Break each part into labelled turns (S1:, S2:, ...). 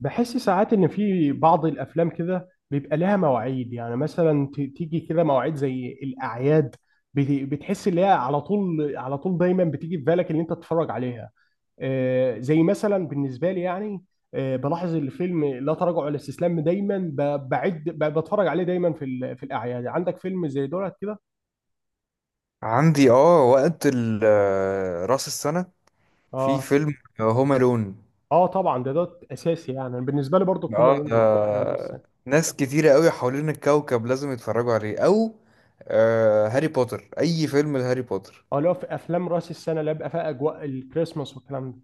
S1: بحس ساعات ان في بعض الافلام كده بيبقى لها مواعيد، يعني مثلا تيجي كده مواعيد زي الاعياد. بتحس ان هي على طول على طول دايما بتيجي في بالك ان انت تتفرج عليها. زي مثلا بالنسبه لي يعني. بلاحظ الفيلم لا تراجع ولا استسلام، دايما بعد بتفرج عليه دايما في في الاعياد. عندك فيلم زي دولت كده؟
S2: عندي وقت راس السنة. في
S1: اه.
S2: فيلم هوم الون.
S1: اه طبعا، ده اساسي يعني، بالنسبه لي برضو هما
S2: اه،
S1: لون حاجه زي راس
S2: ده
S1: السنه.
S2: ناس كتيرة قوي حوالين الكوكب لازم يتفرجوا عليه، او هاري بوتر، اي فيلم لهاري بوتر.
S1: اه، اللي هو في افلام راس السنه اللي بيبقى فيها اجواء الكريسماس والكلام ده.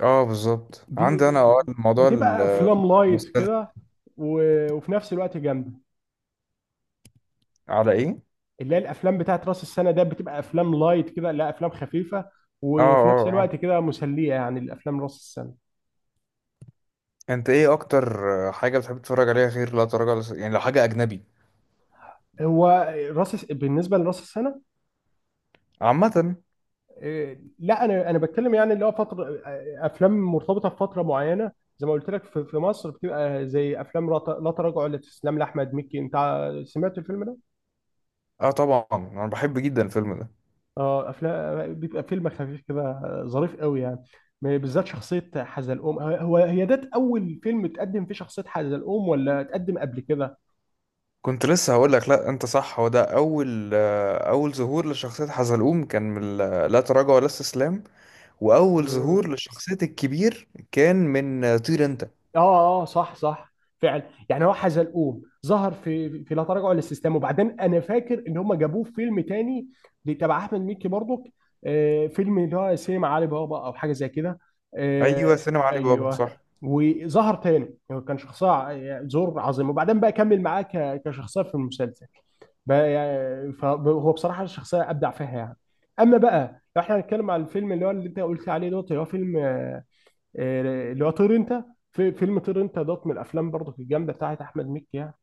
S2: اه، بالظبط. عندي انا
S1: ب-
S2: الموضوع
S1: بتبقى افلام لايت
S2: المستلزم.
S1: كده، وفي نفس الوقت جامده.
S2: على ايه؟
S1: اللي هي الافلام بتاعت راس السنه ده بتبقى افلام لايت كده، لا افلام خفيفه.
S2: اه،
S1: وفي نفس
S2: اه،
S1: الوقت
S2: اه،
S1: كده مسليه، يعني الافلام راس السنه.
S2: انت ايه اكتر حاجة بتحب تتفرج عليها غير لا تراجع ولا يعني لو حاجة اجنبي
S1: هو بالنسبه لراس السنه.
S2: عامة؟
S1: إيه، لا انا بتكلم، يعني اللي هو فتره، افلام مرتبطه بفتره معينه. زي ما قلت لك، في مصر بتبقى زي افلام لا تراجع ولا استسلام لاحمد مكي. انت سمعت الفيلم ده؟
S2: اه، طبعا انا بحب جدا الفيلم ده.
S1: اه، افلام بيبقى فيلم خفيف كده ظريف قوي يعني. بالذات شخصية حزلقوم. هو هي ده أول فيلم تقدم فيه شخصية حزلقوم، ولا تقدم قبل كده؟
S2: كنت لسه هقول لك، لا انت صح، هو ده اول اول ظهور لشخصيه حزلقوم كان من لا تراجع ولا استسلام. واول ظهور
S1: مم.
S2: لشخصيه الكبير كان من طير انت.
S1: اه اه، آه، صح صح، فعلا. يعني هو حزلقوم ظهر في لا تراجع ولا استسلام، وبعدين انا فاكر ان هم جابوه في فيلم تاني تبع احمد مكي برضك. فيلم اللي هو سينما علي بابا او حاجه زي كده.
S2: ايوه،
S1: آه
S2: سينما علي بابا،
S1: ايوه.
S2: صح.
S1: وظهر تاني، يعني كان شخصيه يعني زور عظيم، وبعدين بقى كمل معاه كشخصيه في المسلسل. بقى يعني فهو بصراحه الشخصيه ابدع فيها يعني. اما بقى لو احنا هنتكلم على الفيلم اللي هو اللي انت قلت عليه دوت، اللي هو فيلم، اللي هو طير انت. في فيلم طير انت دوت من الافلام برضه الجامده بتاعت احمد مكي يعني.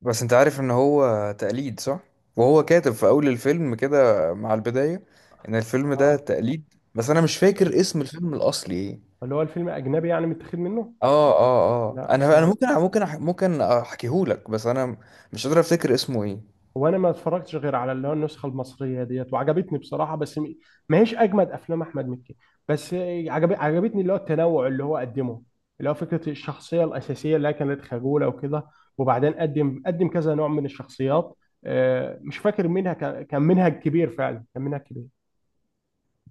S2: بس انت عارف ان هو تقليد، صح، وهو كاتب في اول الفيلم كده مع البدايه ان الفيلم ده
S1: اه،
S2: تقليد، بس انا مش فاكر اسم الفيلم الاصلي ايه.
S1: اللي هو الفيلم اجنبي يعني متاخد منه.
S2: اه، اه، اه،
S1: لا بس
S2: انا ممكن احكيهولك، بس انا مش قادر افتكر اسمه ايه.
S1: هو انا ما اتفرجتش غير على اللي هو النسخه المصريه ديت، وعجبتني بصراحه، بس ما هيش اجمد افلام احمد مكي. بس عجبتني اللي هو التنوع اللي هو قدمه. اللي هو فكره الشخصيه الاساسيه اللي هي كانت خجوله وكده، وبعدين قدم كذا نوع من الشخصيات. مش فاكر منها، كان منهج كبير، فعلا كان منهج كبير.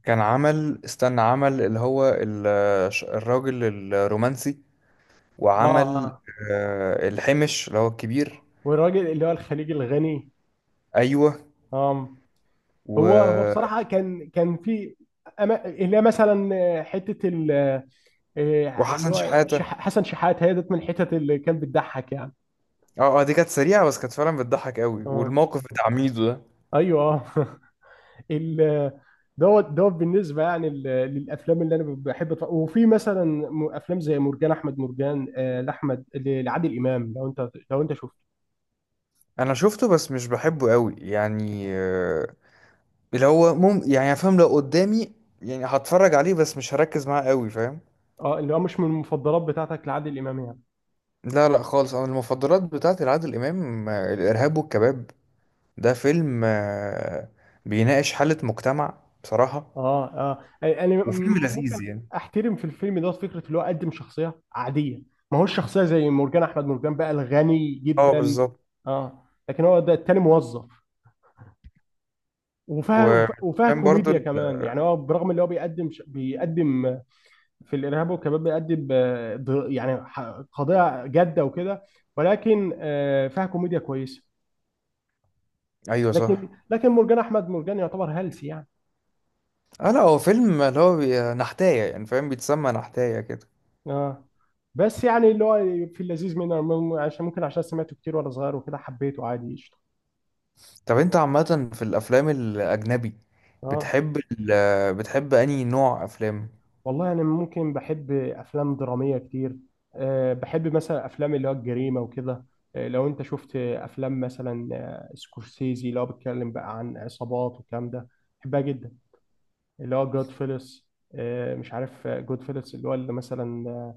S2: كان عمل، استنى، عمل اللي هو الراجل الرومانسي.
S1: اه
S2: وعمل
S1: اه.
S2: الحمش اللي هو الكبير.
S1: والراجل اللي هو الخليجي الغني.
S2: ايوه
S1: اه. هو
S2: و...
S1: بصراحة كان في. اللي هي مثلا، اللي
S2: وحسن
S1: هو
S2: شحاتة.
S1: حسن شحات هي ديت من الحتت اللي كان بتضحك يعني.
S2: اه، اه، دي كانت سريعة بس كانت فعلا بتضحك قوي،
S1: اه
S2: والموقف بتاع ميدو ده.
S1: ايوه اه ال- دوت بالنسبة يعني للأفلام اللي أنا بحب أتفرج، وفي مثلا أفلام زي مرجان أحمد مرجان، لعادل إمام. لو أنت شفته.
S2: انا شفته بس مش بحبه قوي، يعني اللي هو يعني فاهم، لو قدامي يعني هتفرج عليه بس مش هركز معاه قوي، فاهم.
S1: اه، اللي هو مش من المفضلات بتاعتك لعادل إمام يعني.
S2: لا، لا، خالص، انا المفضلات بتاعتي لعادل امام الارهاب والكباب. ده فيلم بيناقش حالة مجتمع بصراحة.
S1: اه اه، انا
S2: وفيلم
S1: ممكن
S2: لذيذ يعني.
S1: احترم في الفيلم دوت فكره اللي هو قدم شخصيه عاديه. ما هوش شخصيه زي مرجان احمد مرجان بقى الغني
S2: اه،
S1: جدا.
S2: بالظبط.
S1: اه، لكن هو ده التاني موظف. وفيها
S2: وكان برضو
S1: كوميديا
S2: ال...
S1: كمان، يعني هو برغم اللي هو بيقدم بيقدم في الارهاب والكباب، بيقدم يعني قضيه جاده وكده، ولكن فيها كوميديا كويسه.
S2: ايوه،
S1: لكن
S2: صح.
S1: لكن مرجان احمد مرجان يعتبر هلس يعني.
S2: اه، لا، هو فيلم اللي هو نحتاية، يعني فاهم، بيتسمى نحتاية كده.
S1: اه، بس يعني اللي هو في اللذيذ منه، عشان سمعته كتير وانا صغير وكده، حبيته عادي قشطه.
S2: طب انت عامة في الافلام الاجنبي
S1: اه،
S2: بتحب انهي نوع افلام؟
S1: والله انا ممكن بحب افلام دراميه كتير. أه، بحب مثلا افلام اللي هو الجريمه وكده. أه، لو انت شفت افلام مثلا، سكورسيزي اللي هو بيتكلم بقى عن عصابات والكلام ده، بحبها جدا. اللي هو جود فيلس. أه، مش عارف جود فيلس اللي هو اللي مثلا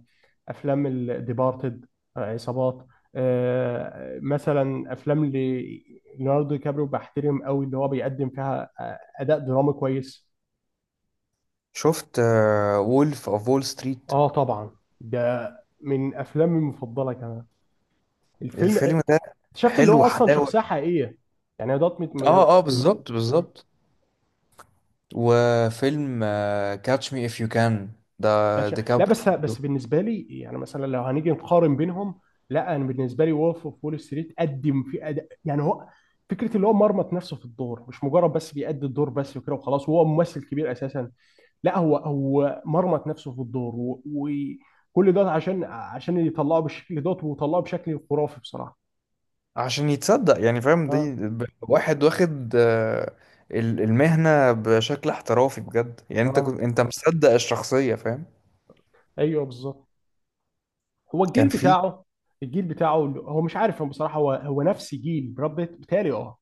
S1: افلام الديبارتد، عصابات. مثلا افلام ليوناردو دي كابريو بحترم قوي اللي هو بيقدم فيها اداء درامي كويس.
S2: شفت وولف اوف وول ستريت؟
S1: اه طبعا، ده من افلامي المفضله كمان. الفيلم
S2: الفيلم ده
S1: اكتشفت اللي
S2: حلو
S1: هو اصلا
S2: حلاوة.
S1: شخصيه حقيقيه. يعني دوت
S2: اه، اه، بالظبط،
S1: آه.
S2: بالظبط. وفيلم كاتش مي اف يو كان،
S1: يعني
S2: ده
S1: لا،
S2: ديكابري.
S1: بس بالنسبه لي يعني، مثلا لو هنيجي نقارن بينهم، لا انا بالنسبه لي وولف اوف وول ستريت قدم في أداء. يعني هو فكره اللي هو مرمط نفسه في الدور، مش مجرد بس بيأدي الدور بس وكده وخلاص، وهو ممثل كبير اساسا. لا، هو مرمط نفسه في الدور، وكل ده عشان يطلعه بالشكل دوت، وطلعه بشكل خرافي بصراحه.
S2: عشان يتصدق، يعني فاهم، دي
S1: اه
S2: واحد واخد المهنة بشكل احترافي بجد، يعني انت
S1: اه،
S2: كنت انت مصدق الشخصية، فاهم.
S1: ايوه بالظبط. هو الجيل
S2: كان في.
S1: بتاعه، الجيل بتاعه، هو مش عارف، هو بصراحه هو نفس جيل براد بيت بتهيألي. اه.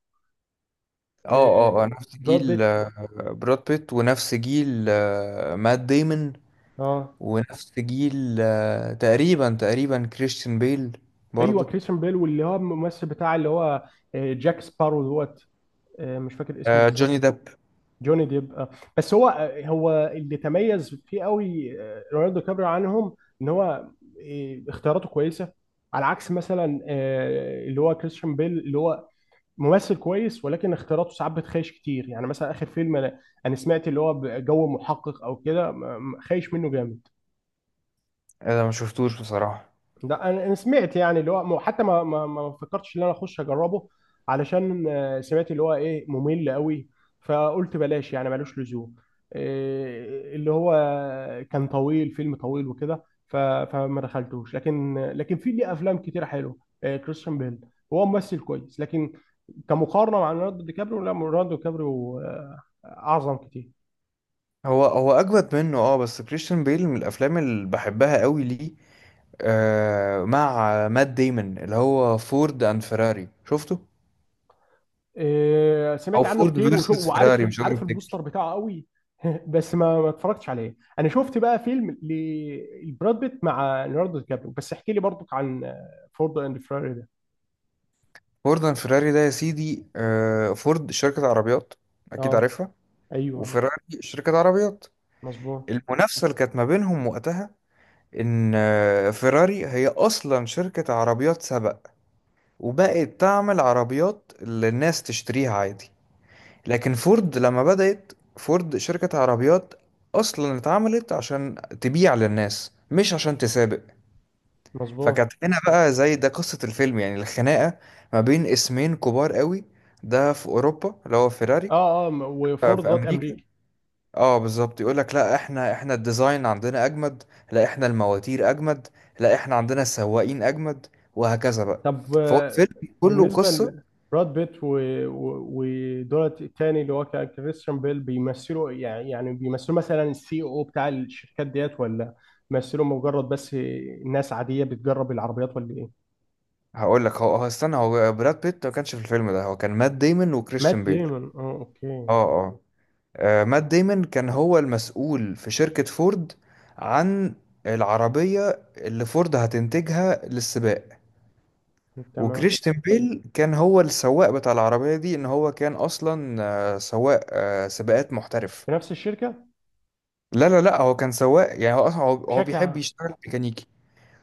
S2: اه، اه،
S1: آه،
S2: نفس
S1: براد
S2: جيل
S1: بيت.
S2: براد بيت، ونفس جيل مات ديمون،
S1: اه
S2: ونفس جيل تقريبا تقريبا كريستيان بيل
S1: ايوه،
S2: برضو.
S1: كريستيان بيل، واللي هو الممثل بتاع اللي هو جاك سبارو دوت، مش فاكر اسمه بالظبط.
S2: جوني ديب.
S1: جوني ديب آه. بس هو اللي تميز فيه قوي، ليوناردو كابريو عنهم، ان هو اختياراته كويسه، على عكس مثلا اللي هو كريستيان بيل. اللي هو ممثل كويس ولكن اختياراته ساعات بتخيش كتير. يعني مثلا اخر فيلم أنا سمعت اللي هو جو محقق او كده، خايش منه جامد.
S2: انا ما شفتوش بصراحة.
S1: لا أنا سمعت، يعني اللي هو حتى ما فكرتش ان انا اخش اجربه، علشان سمعت اللي هو ايه ممل قوي، فقلت بلاش يعني ملوش لزوم. إيه، اللي هو كان طويل، فيلم طويل وكده، فما دخلتوش. لكن في ليه افلام كتير حلوه. إيه، كريستيان بيل هو ممثل كويس، لكن كمقارنه مع ليوناردو دي كابريو، لا، ليوناردو دي كابريو اعظم كتير.
S2: هو هو اجمد منه، اه، بس كريستيان بيل من الافلام اللي بحبها قوي ليه مع مات ديمون اللي هو فورد اند فيراري، شفته؟ او
S1: سمعت عنه
S2: فورد
S1: كتير، وشو
S2: فيرسس
S1: وعارف
S2: فيراري، مش قادر
S1: عارف البوستر
S2: افتكر.
S1: بتاعه قوي. بس ما اتفرجتش عليه. انا شفت بقى فيلم لبراد بيت مع ليوناردو دي كابريو، بس احكي لي برضك عن فورد اند فيراري ده.
S2: فورد اند فيراري ده، يا سيدي فورد شركة عربيات، اكيد
S1: اه
S2: عارفها.
S1: ايوه،
S2: وفيراري شركة عربيات.
S1: مظبوط
S2: المنافسة اللي كانت ما بينهم وقتها، ان فيراري هي اصلا شركة عربيات سباق، وبقت تعمل عربيات اللي الناس تشتريها عادي. لكن فورد، لما بدأت فورد شركة عربيات، اصلا اتعملت عشان تبيع للناس مش عشان تسابق.
S1: مظبوط.
S2: فكانت هنا بقى، زي ده قصة الفيلم، يعني الخناقة ما بين اسمين كبار قوي، ده في أوروبا اللي هو فيراري،
S1: اه اه، وفورد
S2: في
S1: ضد
S2: أمريكا.
S1: امريكا.
S2: اه، بالظبط، يقول لك لا، احنا الديزاين عندنا أجمد. لا، احنا المواتير أجمد. لا، احنا عندنا السواقين أجمد. وهكذا بقى.
S1: طب،
S2: فهو الفيلم كله
S1: بالنسبة
S2: قصة.
S1: لبراد بيت ودولت التاني اللي هو كان كريستيان بيل، بيمثلوا يعني بيمثلوا مثلا السي او بتاع الشركات ديت، ولا بيمثلوا مجرد بس ناس عادية بتجرب العربيات، ولا ايه؟
S2: هقول لك، هو هو استنى، هو براد بيت ما كانش في الفيلم ده، هو كان مات ديمون
S1: مات
S2: وكريستيان بيل.
S1: ديمون، اه اوكي،
S2: اه، اه، مات ديمون كان هو المسؤول في شركة فورد عن العربية اللي فورد هتنتجها للسباق.
S1: تمام.
S2: وكريستيان بيل كان هو السواق بتاع العربية دي، ان هو كان اصلا سواق سباقات محترف.
S1: في نفس الشركة.
S2: لا، لا، لا، هو كان سواق، يعني هو اصلا هو هو
S1: بشكل
S2: بيحب
S1: عام.
S2: يشتغل ميكانيكي.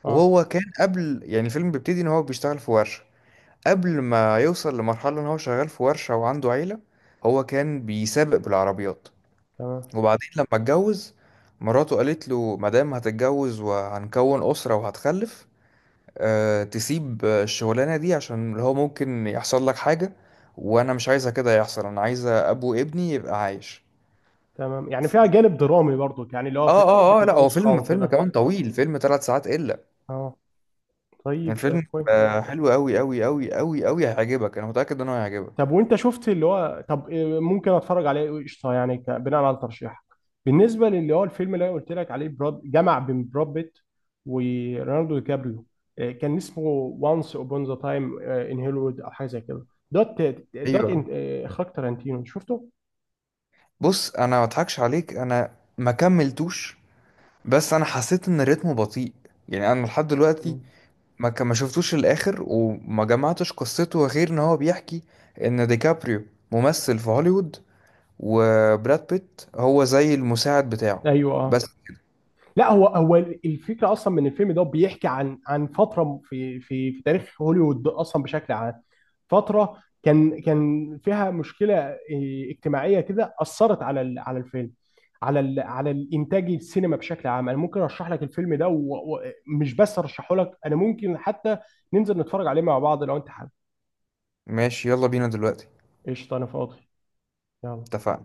S1: اه،
S2: وهو كان قبل، يعني الفيلم بيبتدي ان هو بيشتغل في ورشة، قبل ما يوصل لمرحلة ان هو شغال في ورشة وعنده عيلة، هو كان بيسابق بالعربيات.
S1: تمام.
S2: وبعدين لما اتجوز، مراته قالت له مادام هتتجوز وهنكون أسرة وهتخلف، أه تسيب الشغلانة دي عشان اللي هو ممكن يحصل لك حاجة، وأنا مش عايزة كده يحصل، أنا عايزة أبو ابني يبقى عايش.
S1: تمام، يعني فيها جانب درامي برضو، يعني اللي هو
S2: اه،
S1: في فكرة
S2: اه، اه، لا هو
S1: الأسرة
S2: فيلم، فيلم
S1: وكده.
S2: كمان طويل، فيلم 3 ساعات الا.
S1: اه، طيب،
S2: الفيلم
S1: كويس.
S2: حلو قوي قوي قوي قوي قوي، هيعجبك، انا متاكد ان هو هيعجبك.
S1: طب، وانت شفت اللي هو طب إيه ممكن اتفرج عليه إيه؟ قشطه يعني، بناء على ترشيحك. بالنسبه للي هو الفيلم اللي انا قلت لك عليه، جمع بين براد بيت وليوناردو دي كابريو، إيه كان اسمه، وانس upon ذا تايم ان هوليوود او حاجه زي كده. دوت.
S2: ايوه،
S1: إيه، اخراج تارانتينو شفته؟
S2: بص انا ما اضحكش عليك، انا ما كملتوش، بس انا حسيت ان الريتم بطيء. يعني انا لحد دلوقتي
S1: مم.
S2: ما شفتوش الاخر وما جمعتش قصته، غير ان هو بيحكي ان ديكابريو ممثل في هوليوود، وبراد بيت هو زي المساعد بتاعه،
S1: ايوه اه.
S2: بس.
S1: لا، هو الفكره اصلا من الفيلم ده، بيحكي عن فتره في تاريخ هوليوود اصلا بشكل عام. فتره كان فيها مشكله، إيه، اجتماعيه كده اثرت على على الفيلم، على على الانتاج السينما بشكل عام. انا ممكن ارشح لك الفيلم ده، ومش بس ارشحه لك، انا ممكن حتى ننزل نتفرج عليه مع بعض لو انت حابب.
S2: ماشي، يلا بينا دلوقتي.
S1: قشطه انا فاضي. يلا.
S2: اتفقنا.